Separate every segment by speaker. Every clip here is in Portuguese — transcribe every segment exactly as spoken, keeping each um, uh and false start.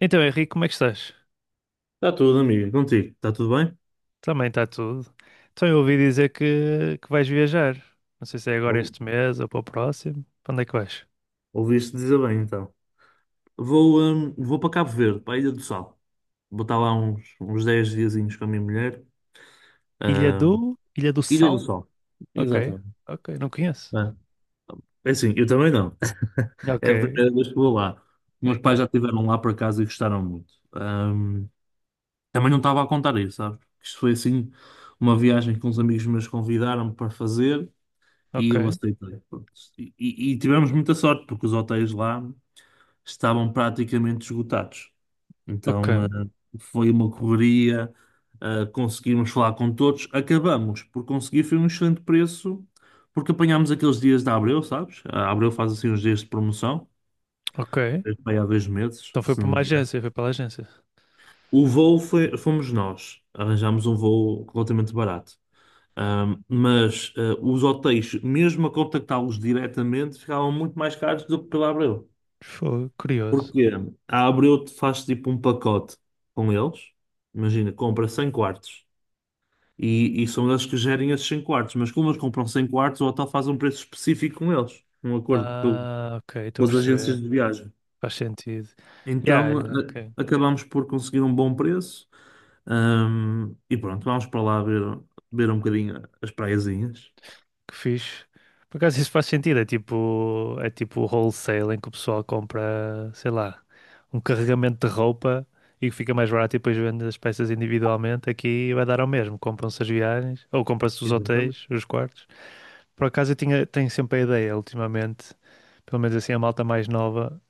Speaker 1: Então, Henrique, como é que estás?
Speaker 2: Está tudo, amigo. Contigo. Está tudo bem?
Speaker 1: Também está tudo. Então, eu ouvi dizer que, que vais viajar. Não sei se é agora
Speaker 2: Ou-
Speaker 1: este mês ou para o próximo. Para onde é que vais?
Speaker 2: Ouviste dizer bem, então. Vou, hum, vou para Cabo Verde, para a Ilha do Sol. Vou estar lá uns, uns dez diazinhos com a minha mulher.
Speaker 1: Ilha
Speaker 2: Ah.
Speaker 1: do... Ilha do
Speaker 2: Ilha do
Speaker 1: Sal?
Speaker 2: Sol.
Speaker 1: Ok,
Speaker 2: Exatamente.
Speaker 1: ok, não conheço.
Speaker 2: Ah, é assim, eu também não.
Speaker 1: Ok,
Speaker 2: É a primeira vez que vou lá. Meus pais
Speaker 1: ok,
Speaker 2: já estiveram lá por acaso e gostaram muito. Ahm, também não estava a contar isso, sabes? Isto foi assim, uma viagem que uns amigos meus convidaram para fazer e
Speaker 1: ok,
Speaker 2: eu aceitei. Pronto. E, e- e tivemos muita sorte, porque os hotéis lá estavam praticamente esgotados.
Speaker 1: ok,
Speaker 2: Então, eh, foi uma correria, eh, conseguimos falar com todos. Acabamos por conseguir, foi um excelente preço, porque apanhámos aqueles dias da Abreu, sabes? A Abreu faz assim uns dias de promoção,
Speaker 1: ok.
Speaker 2: foi há dois meses,
Speaker 1: Então foi
Speaker 2: se
Speaker 1: para
Speaker 2: não me
Speaker 1: uma
Speaker 2: engano.
Speaker 1: agência, foi pela agência.
Speaker 2: O voo foi, fomos nós, arranjámos um voo relativamente barato. Ahm, mas eh, os hotéis, mesmo a contactá-los diretamente, ficavam muito mais caros do que pela Abreu.
Speaker 1: Foi curioso.
Speaker 2: Porque a Abreu te faz tipo um pacote com eles. Imagina, compra cem quartos. E, e são eles que gerem esses cem quartos. Mas como eles compram cem quartos, o hotel faz um preço específico com eles. Um acordo com,
Speaker 1: Ah,
Speaker 2: com
Speaker 1: ok, estou a
Speaker 2: as
Speaker 1: perceber.
Speaker 2: agências de viagem.
Speaker 1: Faz sentido. Yeah,
Speaker 2: Então,
Speaker 1: yeah, ok.
Speaker 2: a- acabamos por conseguir um bom preço. Ahm, e pronto, vamos para lá ver, ver um bocadinho as praiazinhas.
Speaker 1: Que fixe. Por acaso isso faz sentido, é tipo, é tipo wholesale em que o pessoal compra, sei lá, um carregamento de roupa e que fica mais barato e depois vende as peças individualmente. Aqui vai dar ao mesmo, compram-se as viagens ou compram-se os
Speaker 2: Exatamente.
Speaker 1: hotéis, os quartos. Por acaso eu tinha, tenho sempre a ideia, ultimamente, pelo menos assim a malta mais nova.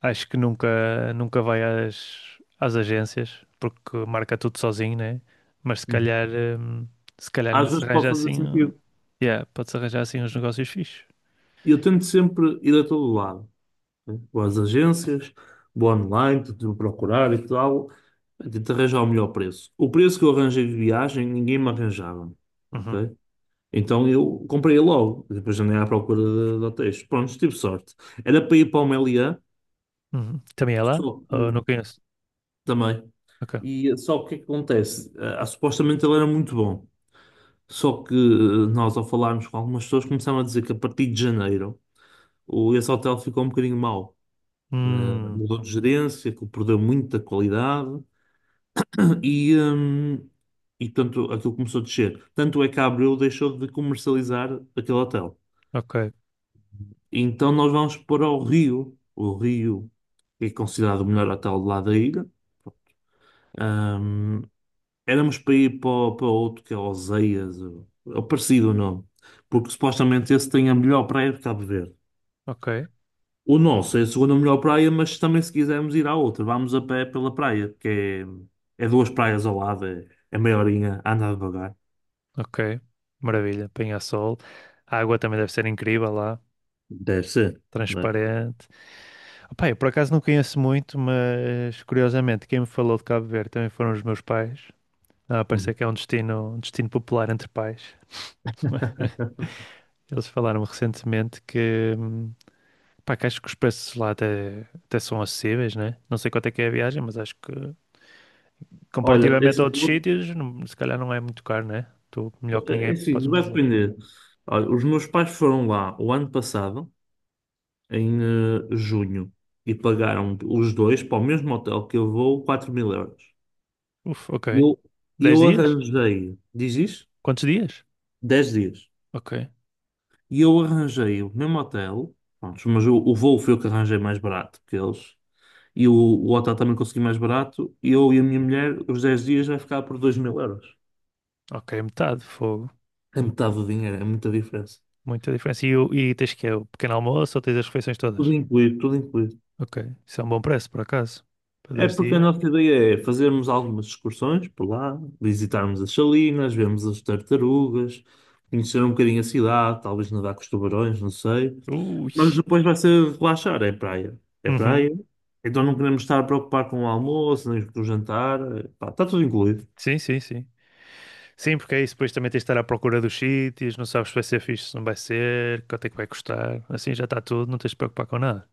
Speaker 1: Acho que nunca, nunca vai às, às agências, porque marca tudo sozinho, né? Mas se
Speaker 2: Uhum.
Speaker 1: calhar, hum, se calhar ainda
Speaker 2: Às
Speaker 1: se
Speaker 2: vezes pode
Speaker 1: arranja
Speaker 2: fazer
Speaker 1: assim, um-
Speaker 2: sentido.
Speaker 1: yeah, pode-se arranjar assim uns negócios fixes.
Speaker 2: Eu tento sempre ir a todo lado, né? Boas agências, boa online, tudo procurar e tal, tento arranjar o melhor preço. O preço que eu arranjei de viagem, ninguém me arranjava,
Speaker 1: Uhum,
Speaker 2: ok? Então eu comprei logo, depois andei à procura de, de hotéis. Pronto, tive sorte. Era para ir para o Meliá,
Speaker 1: uhum. Também é lá?
Speaker 2: só
Speaker 1: Oh, não
Speaker 2: que,
Speaker 1: conheço.
Speaker 2: também.
Speaker 1: Ok.
Speaker 2: E só que o que é que acontece? Ah, supostamente ele era muito bom. Só que eh, nós, ao falarmos com algumas pessoas, começaram a dizer que a partir de janeiro o, esse hotel ficou um bocadinho mau. Eh,
Speaker 1: Hum,
Speaker 2: mudou de gerência, que perdeu muita qualidade. E, hum, e tanto aquilo começou a descer. Tanto é que a Abril deixou de comercializar aquele hotel.
Speaker 1: ok,
Speaker 2: Então nós vamos para o Rio. O Rio é considerado o melhor hotel lá da ilha. Hum, Éramos para ir para, o- para outro que é Oseias, ou- é parecido o nome, porque supostamente esse tem a melhor praia de Cabo Verde.
Speaker 1: ok,
Speaker 2: O nosso é a segunda melhor praia, mas também se quisermos ir à outra, vamos a pé pela praia, que é, é duas praias ao lado, é, é meia horinha a andar devagar.
Speaker 1: ok. Maravilha. Penha-Sol. A água também deve ser incrível lá.
Speaker 2: Deve ser.
Speaker 1: Transparente. Opá, eu por acaso não conheço muito, mas curiosamente quem me falou de Cabo Verde também foram os meus pais. Ah,
Speaker 2: Uhum.
Speaker 1: parece que é um destino, um destino popular entre pais. Eles falaram recentemente que, hum, pá, que acho que os preços lá até, até são acessíveis, né? Não sei quanto é que é a viagem, mas acho que
Speaker 2: Olha, é
Speaker 1: comparativamente a
Speaker 2: assim, eu
Speaker 1: outros
Speaker 2: vou-
Speaker 1: sítios, não- se calhar não é muito caro, né? Tu, melhor que
Speaker 2: é
Speaker 1: ninguém,
Speaker 2: assim,
Speaker 1: podes-me
Speaker 2: vai
Speaker 1: dizer.
Speaker 2: depender. Olha, os meus pais foram lá o ano passado, em eh, junho, e pagaram os dois para o mesmo hotel que eu vou quatro mil euros.
Speaker 1: Uf, ok.
Speaker 2: Eu,
Speaker 1: dez
Speaker 2: eu
Speaker 1: dias?
Speaker 2: arranjei, diz isso?
Speaker 1: Quantos dias?
Speaker 2: 10 dias.
Speaker 1: Ok.
Speaker 2: E eu arranjei o mesmo hotel, pronto, mas o, o voo foi o que arranjei mais barato que eles. E o, o hotel também consegui mais barato. E eu e a minha mulher, os dez dias vai ficar por dois mil euros.
Speaker 1: Ok, metade, fogo.
Speaker 2: É metade do dinheiro, é muita diferença.
Speaker 1: Muita diferença. E, o- e tens que é o pequeno almoço ou tens as refeições
Speaker 2: Tudo
Speaker 1: todas?
Speaker 2: incluído, tudo incluído.
Speaker 1: Ok. Isso é um bom preço, por acaso. Para
Speaker 2: É
Speaker 1: dez
Speaker 2: porque a
Speaker 1: dias.
Speaker 2: nossa ideia é fazermos algumas excursões por lá, visitarmos as salinas, vermos as tartarugas, conhecer um bocadinho a cidade, talvez nadar com os tubarões, não sei. Mas
Speaker 1: Ui.
Speaker 2: depois vai ser relaxar, é praia. É
Speaker 1: Uhum.
Speaker 2: praia. Então não queremos estar a preocupar com o almoço, nem com o jantar. Pá, está tudo incluído.
Speaker 1: Sim, sim, sim. Sim, porque é isso, depois também tens de estar à procura dos sítios, não sabes se vai ser fixe, se não vai ser, quanto é que vai custar, assim já está tudo, não tens de preocupar com nada.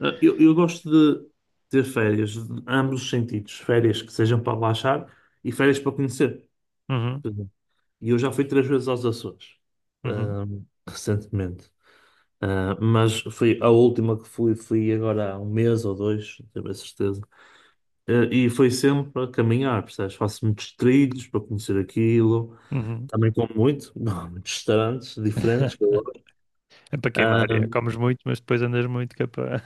Speaker 2: Ah, Eu, eu gosto de ter férias, de ambos os sentidos. Férias que sejam para relaxar e férias para conhecer.
Speaker 1: Uhum,
Speaker 2: E eu já fui três vezes aos Açores,
Speaker 1: uhum,
Speaker 2: ahm, recentemente. Ah, mas foi a última que fui, fui agora há um mês ou dois, não tenho bem certeza. Ah, e foi sempre a caminhar, percebes? Faço muitos trilhos para conhecer aquilo.
Speaker 1: uhum.
Speaker 2: Também como muito, não, muitos restaurantes diferentes que eu gosto.
Speaker 1: É para
Speaker 2: Ah,
Speaker 1: queimar, é. Comes muito, mas depois andas muito que é para...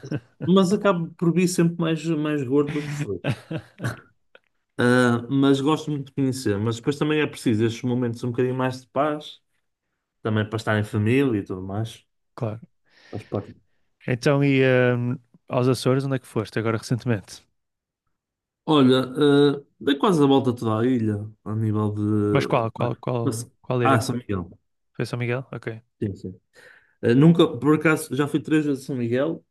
Speaker 2: mas acabo por vir sempre mais, mais gordo do que fui. Ah, mas gosto muito de conhecer. Mas depois também é preciso estes momentos um bocadinho mais de paz, também para estar em família e tudo mais.
Speaker 1: Claro.
Speaker 2: Faz parte.
Speaker 1: Então, e hum, aos Açores, onde é que foste agora recentemente?
Speaker 2: Olha, eh, dei quase a volta toda a ilha, a nível
Speaker 1: Mas
Speaker 2: de.
Speaker 1: qual, qual, qual, qual ilha é
Speaker 2: Ah,
Speaker 1: que
Speaker 2: São
Speaker 1: foi?
Speaker 2: Miguel.
Speaker 1: Foi São Miguel? Ok.
Speaker 2: Sim, sim. Eh, nunca, por acaso, já fui três vezes a São Miguel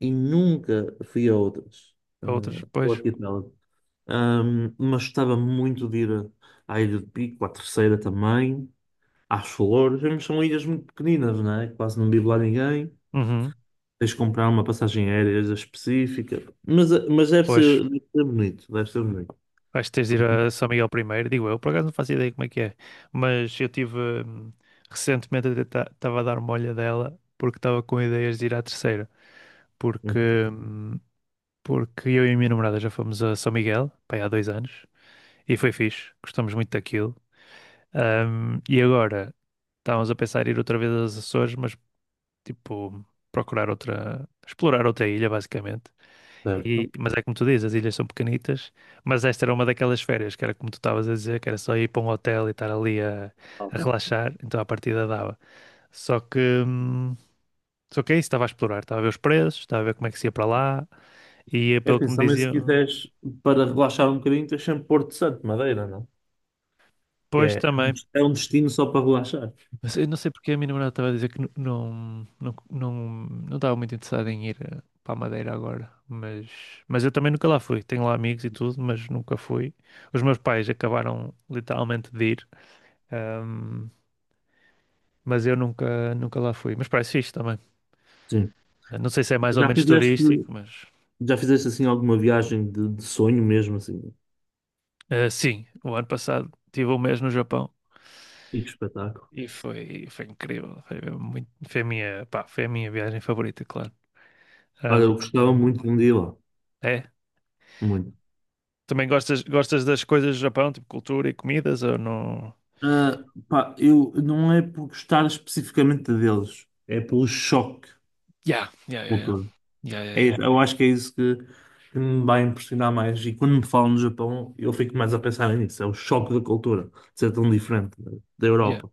Speaker 2: e nunca fui a outras. eh,
Speaker 1: A outras,
Speaker 2: Ao
Speaker 1: pois.
Speaker 2: arquipélago. Ahm, mas gostava muito de ir, a- à Ilha de Pico, à Terceira também, às Flores. Mas são ilhas muito pequeninas, não é? Quase não vive lá ninguém.
Speaker 1: Uhum.
Speaker 2: Tens de comprar uma passagem aérea específica. Mas, eh, mas deve
Speaker 1: Pois,
Speaker 2: ser, deve ser bonito, deve ser bonito.
Speaker 1: vais ter de ir a São Miguel primeiro, digo eu, por acaso não faço ideia como é que é, mas eu tive hum, recentemente estava a dar uma olhadela porque estava com ideias de ir à Terceira, porque, hum, porque eu e a minha namorada já fomos a São Miguel, pá, há dois anos, e foi fixe, gostamos muito daquilo. Hum, e agora estávamos a pensar em ir outra vez aos Açores, mas tipo procurar outra, explorar outra ilha basicamente. E-
Speaker 2: Certo.
Speaker 1: mas é como tu dizes, as ilhas são pequenitas, mas esta era uma daquelas férias que era como tu estavas a dizer, que era só ir para um hotel e estar ali a, a relaxar, então a partida dava. Só que, hum, só que é isso, estava a explorar, estava a ver os preços, estava a ver como é que se ia para lá, e eh,
Speaker 2: É
Speaker 1: pelo
Speaker 2: assim,
Speaker 1: que me
Speaker 2: se também se
Speaker 1: diziam,
Speaker 2: quiseres, para relaxar um bocadinho, tens sempre Porto Santo, Madeira, não? Que
Speaker 1: pois
Speaker 2: é,
Speaker 1: também.
Speaker 2: é um destino só para relaxar.
Speaker 1: Mas eu não sei porque a minha namorada estava a dizer que nu- não, não, não, não estava muito interessada em ir eh, para a Madeira agora, mas, mas eu também nunca lá fui. Tenho lá amigos e tudo, mas nunca fui. Os meus pais acabaram literalmente de ir. hum, mas eu nunca, nunca lá fui. Mas parece fixe também.
Speaker 2: Sim.
Speaker 1: Eh, Não sei se é mais ou
Speaker 2: Já
Speaker 1: menos
Speaker 2: fizeste,
Speaker 1: turístico, mas
Speaker 2: já fizeste assim alguma viagem de, de sonho mesmo, assim?
Speaker 1: eh, sim, o ano passado tive um mês no Japão
Speaker 2: E que espetáculo.
Speaker 1: e foi, foi incrível. Foi, mesmo muito, foi a minha, pá, foi a minha viagem favorita, claro.
Speaker 2: Olha,
Speaker 1: Ahm,
Speaker 2: eu gostava
Speaker 1: hum,
Speaker 2: muito de um dia lá.
Speaker 1: É.
Speaker 2: Muito.
Speaker 1: Também gostas, gostas das coisas do Japão, tipo cultura e comidas, ou não?
Speaker 2: Ah, pá, eu não é por gostar especificamente deles, é pelo choque
Speaker 1: Yeah, yeah, yeah, yeah.
Speaker 2: cultural.
Speaker 1: Yeah, yeah,
Speaker 2: É
Speaker 1: yeah.
Speaker 2: isso, eu acho que é isso que, que me vai impressionar mais. E quando me falam no Japão, eu fico mais a pensar nisso. É o choque da cultura, de ser tão diferente da
Speaker 1: Yeah.
Speaker 2: Europa.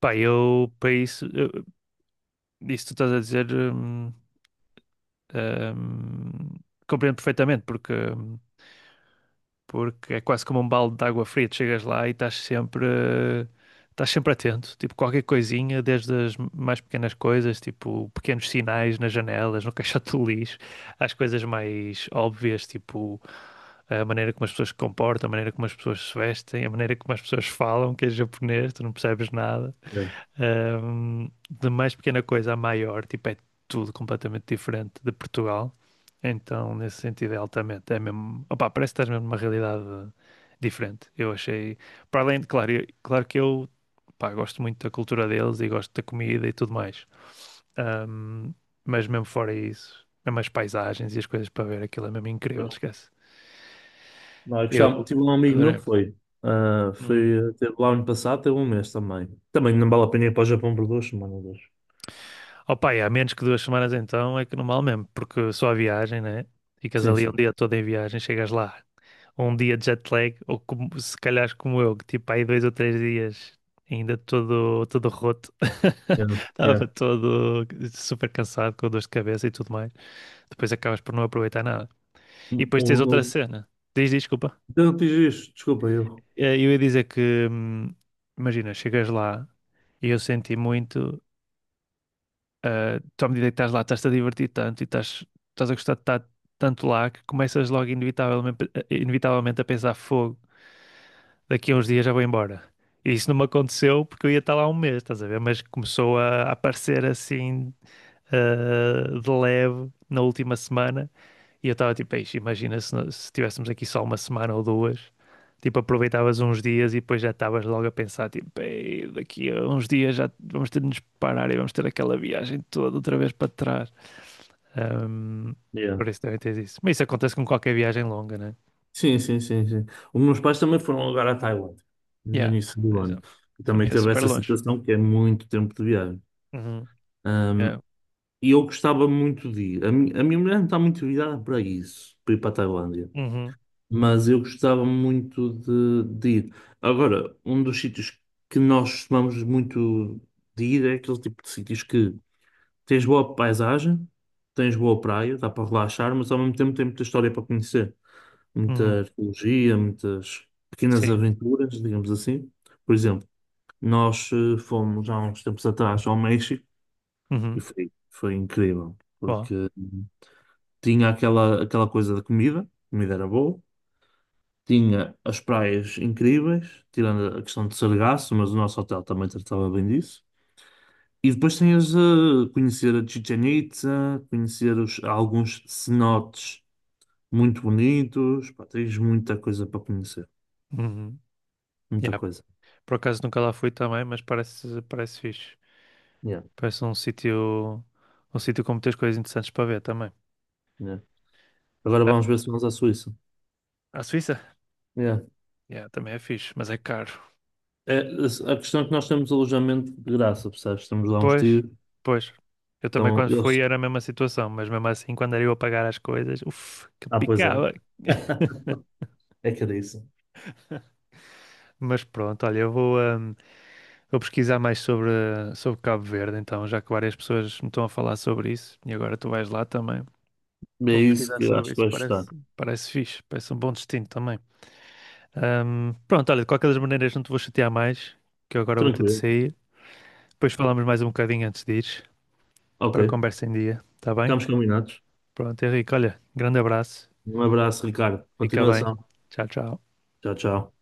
Speaker 1: Pá, eu, para isso, eu, isso que tu estás a dizer, hum, hum, compreendo perfeitamente, porque hum, porque é quase como um balde de água fria. Tu chegas lá e estás sempre, eh, estás sempre atento, tipo qualquer coisinha, desde as mais pequenas coisas, tipo pequenos sinais nas janelas, no caixote do lixo, às coisas mais óbvias, tipo a maneira como as pessoas se comportam, a maneira como as pessoas se vestem, a maneira como as pessoas falam, que é japonês, tu não percebes nada.
Speaker 2: É.
Speaker 1: Ahm, de mais pequena coisa a maior, tipo, é tudo completamente diferente de Portugal. Então, nesse sentido, é altamente. É mesmo, opá, parece que estás mesmo numa realidade diferente. Eu achei, para além de, claro, eu- claro que eu, pá, gosto muito da cultura deles e gosto da comida e tudo mais. Ahm, mas mesmo fora isso, mesmo as paisagens e as coisas para ver, aquilo é mesmo incrível,
Speaker 2: Pois.
Speaker 1: esquece.
Speaker 2: Não, eu
Speaker 1: Eu
Speaker 2: gostava, tive um amigo meu
Speaker 1: adorei.
Speaker 2: que foi. Ah,
Speaker 1: Uhum.
Speaker 2: foi teve lá ano passado, teve um mês também. Também não vale a pena ir para o Japão por duas semanas, acho.
Speaker 1: Opa, e há menos que duas semanas então é que não vale mesmo, porque só a viagem, né? Ficas
Speaker 2: Sim,
Speaker 1: ali um
Speaker 2: sim.
Speaker 1: dia todo em viagem, chegas lá, um dia de jet lag, ou como, se calhar como eu, que tipo aí dois ou três dias ainda todo, todo roto,
Speaker 2: Yeah, yeah.
Speaker 1: estava todo super cansado, com dor de cabeça e tudo mais. Depois acabas por não aproveitar nada. E depois
Speaker 2: O,
Speaker 1: tens outra
Speaker 2: o,
Speaker 1: cena. Diz, diz, desculpa.
Speaker 2: eu não fiz isto, desculpa, eu.
Speaker 1: Eh, Eu ia dizer que, hum, imagina, chegas lá e eu senti muito. Ah, tu, à medida que estás lá, estás-te a divertir tanto e estás, estás a gostar de estar tanto lá que começas logo inevitavelmente, inevitavelmente a pensar, fogo, daqui a uns dias já vou embora. E isso não me aconteceu porque eu ia estar lá um mês, estás a ver? Mas começou a aparecer assim, ah, de leve na última semana e eu estava tipo, "Eixe, imagina se, nós- se tivéssemos aqui só uma semana ou duas. Tipo, aproveitavas uns dias e depois já estavas logo a pensar, tipo, "Ei, daqui a uns dias já vamos ter de nos parar e vamos ter aquela viagem toda outra vez para trás. Ahm,
Speaker 2: Yeah.
Speaker 1: por isso devem ter isso. Mas isso acontece com qualquer viagem longa, né?
Speaker 2: Sim, sim, sim, sim. Os meus pais também foram agora à Tailândia, no
Speaker 1: Yeah,
Speaker 2: início
Speaker 1: por
Speaker 2: do ano.
Speaker 1: exemplo.
Speaker 2: E também
Speaker 1: Também é
Speaker 2: teve
Speaker 1: super
Speaker 2: essa
Speaker 1: longe.
Speaker 2: situação que é muito tempo de viagem.
Speaker 1: Uhum,
Speaker 2: Ahm,
Speaker 1: yeah.
Speaker 2: e eu gostava muito de ir. A, mi- a minha mulher não está muito virada para isso, para ir para a Tailândia.
Speaker 1: Uhum,
Speaker 2: Mas eu gostava muito de, de ir. Agora, um dos sítios que nós costumamos muito de ir é aquele tipo de sítios que tens boa paisagem, tens boa praia, dá para relaxar, mas ao mesmo tempo tem muita história para conhecer.
Speaker 1: uhum,
Speaker 2: Muita arqueologia, muitas pequenas
Speaker 1: sim.
Speaker 2: aventuras, digamos assim. Por exemplo, nós eh, fomos há uns tempos atrás ao México. E
Speaker 1: Uhum,
Speaker 2: foi, foi incrível,
Speaker 1: boa.
Speaker 2: porque tinha aquela, aquela coisa da comida, a comida era boa, tinha as praias incríveis, tirando a questão de Sargasso, mas o nosso hotel também tratava bem disso. E depois tinhas a conhecer a Chichen Itza, conhecer os- alguns cenotes muito bonitos, pá, tens muita coisa para conhecer,
Speaker 1: Uhum,
Speaker 2: muita
Speaker 1: yeah.
Speaker 2: coisa.
Speaker 1: Por acaso nunca lá fui também, mas parece, parece fixe.
Speaker 2: Yeah,
Speaker 1: Parece um sítio, um sítio, com muitas coisas interessantes para ver também.
Speaker 2: yeah. Agora
Speaker 1: Ah,
Speaker 2: vamos ver se vamos à Suíça.
Speaker 1: a Suíça?
Speaker 2: Yeah.
Speaker 1: Yeah, também é fixe, mas é caro.
Speaker 2: É, a a questão é que nós temos alojamento de graça, percebes? Temos lá uns
Speaker 1: Pois,
Speaker 2: tiros.
Speaker 1: pois. Eu também
Speaker 2: Então,
Speaker 1: quando fui
Speaker 2: eles.
Speaker 1: era a mesma situação, mas mesmo assim quando era eu a pagar as coisas, uff, que
Speaker 2: Ah, pois é.
Speaker 1: picava.
Speaker 2: É que era isso.
Speaker 1: Mas pronto, olha, eu vou, Vou pesquisar mais sobre, sobre Cabo Verde, então, já que várias pessoas me estão a falar sobre isso e agora tu vais lá também.
Speaker 2: É
Speaker 1: Vou
Speaker 2: isso
Speaker 1: pesquisar
Speaker 2: que eu acho
Speaker 1: sobre
Speaker 2: que
Speaker 1: isso,
Speaker 2: vais gostar.
Speaker 1: parece, parece fixe, parece um bom destino também. Ahm, pronto, olha, de qualquer das maneiras não te vou chatear mais, que eu agora vou ter de
Speaker 2: Tranquilo.
Speaker 1: sair. Depois falamos mais um bocadinho antes de ires, para a
Speaker 2: Ok.
Speaker 1: conversa em dia, tá bem?
Speaker 2: Ficamos combinados.
Speaker 1: Pronto, Henrique, olha, grande abraço,
Speaker 2: Um abraço, Ricardo.
Speaker 1: fica bem,
Speaker 2: Continuação.
Speaker 1: tchau, tchau.
Speaker 2: Tchau, tchau.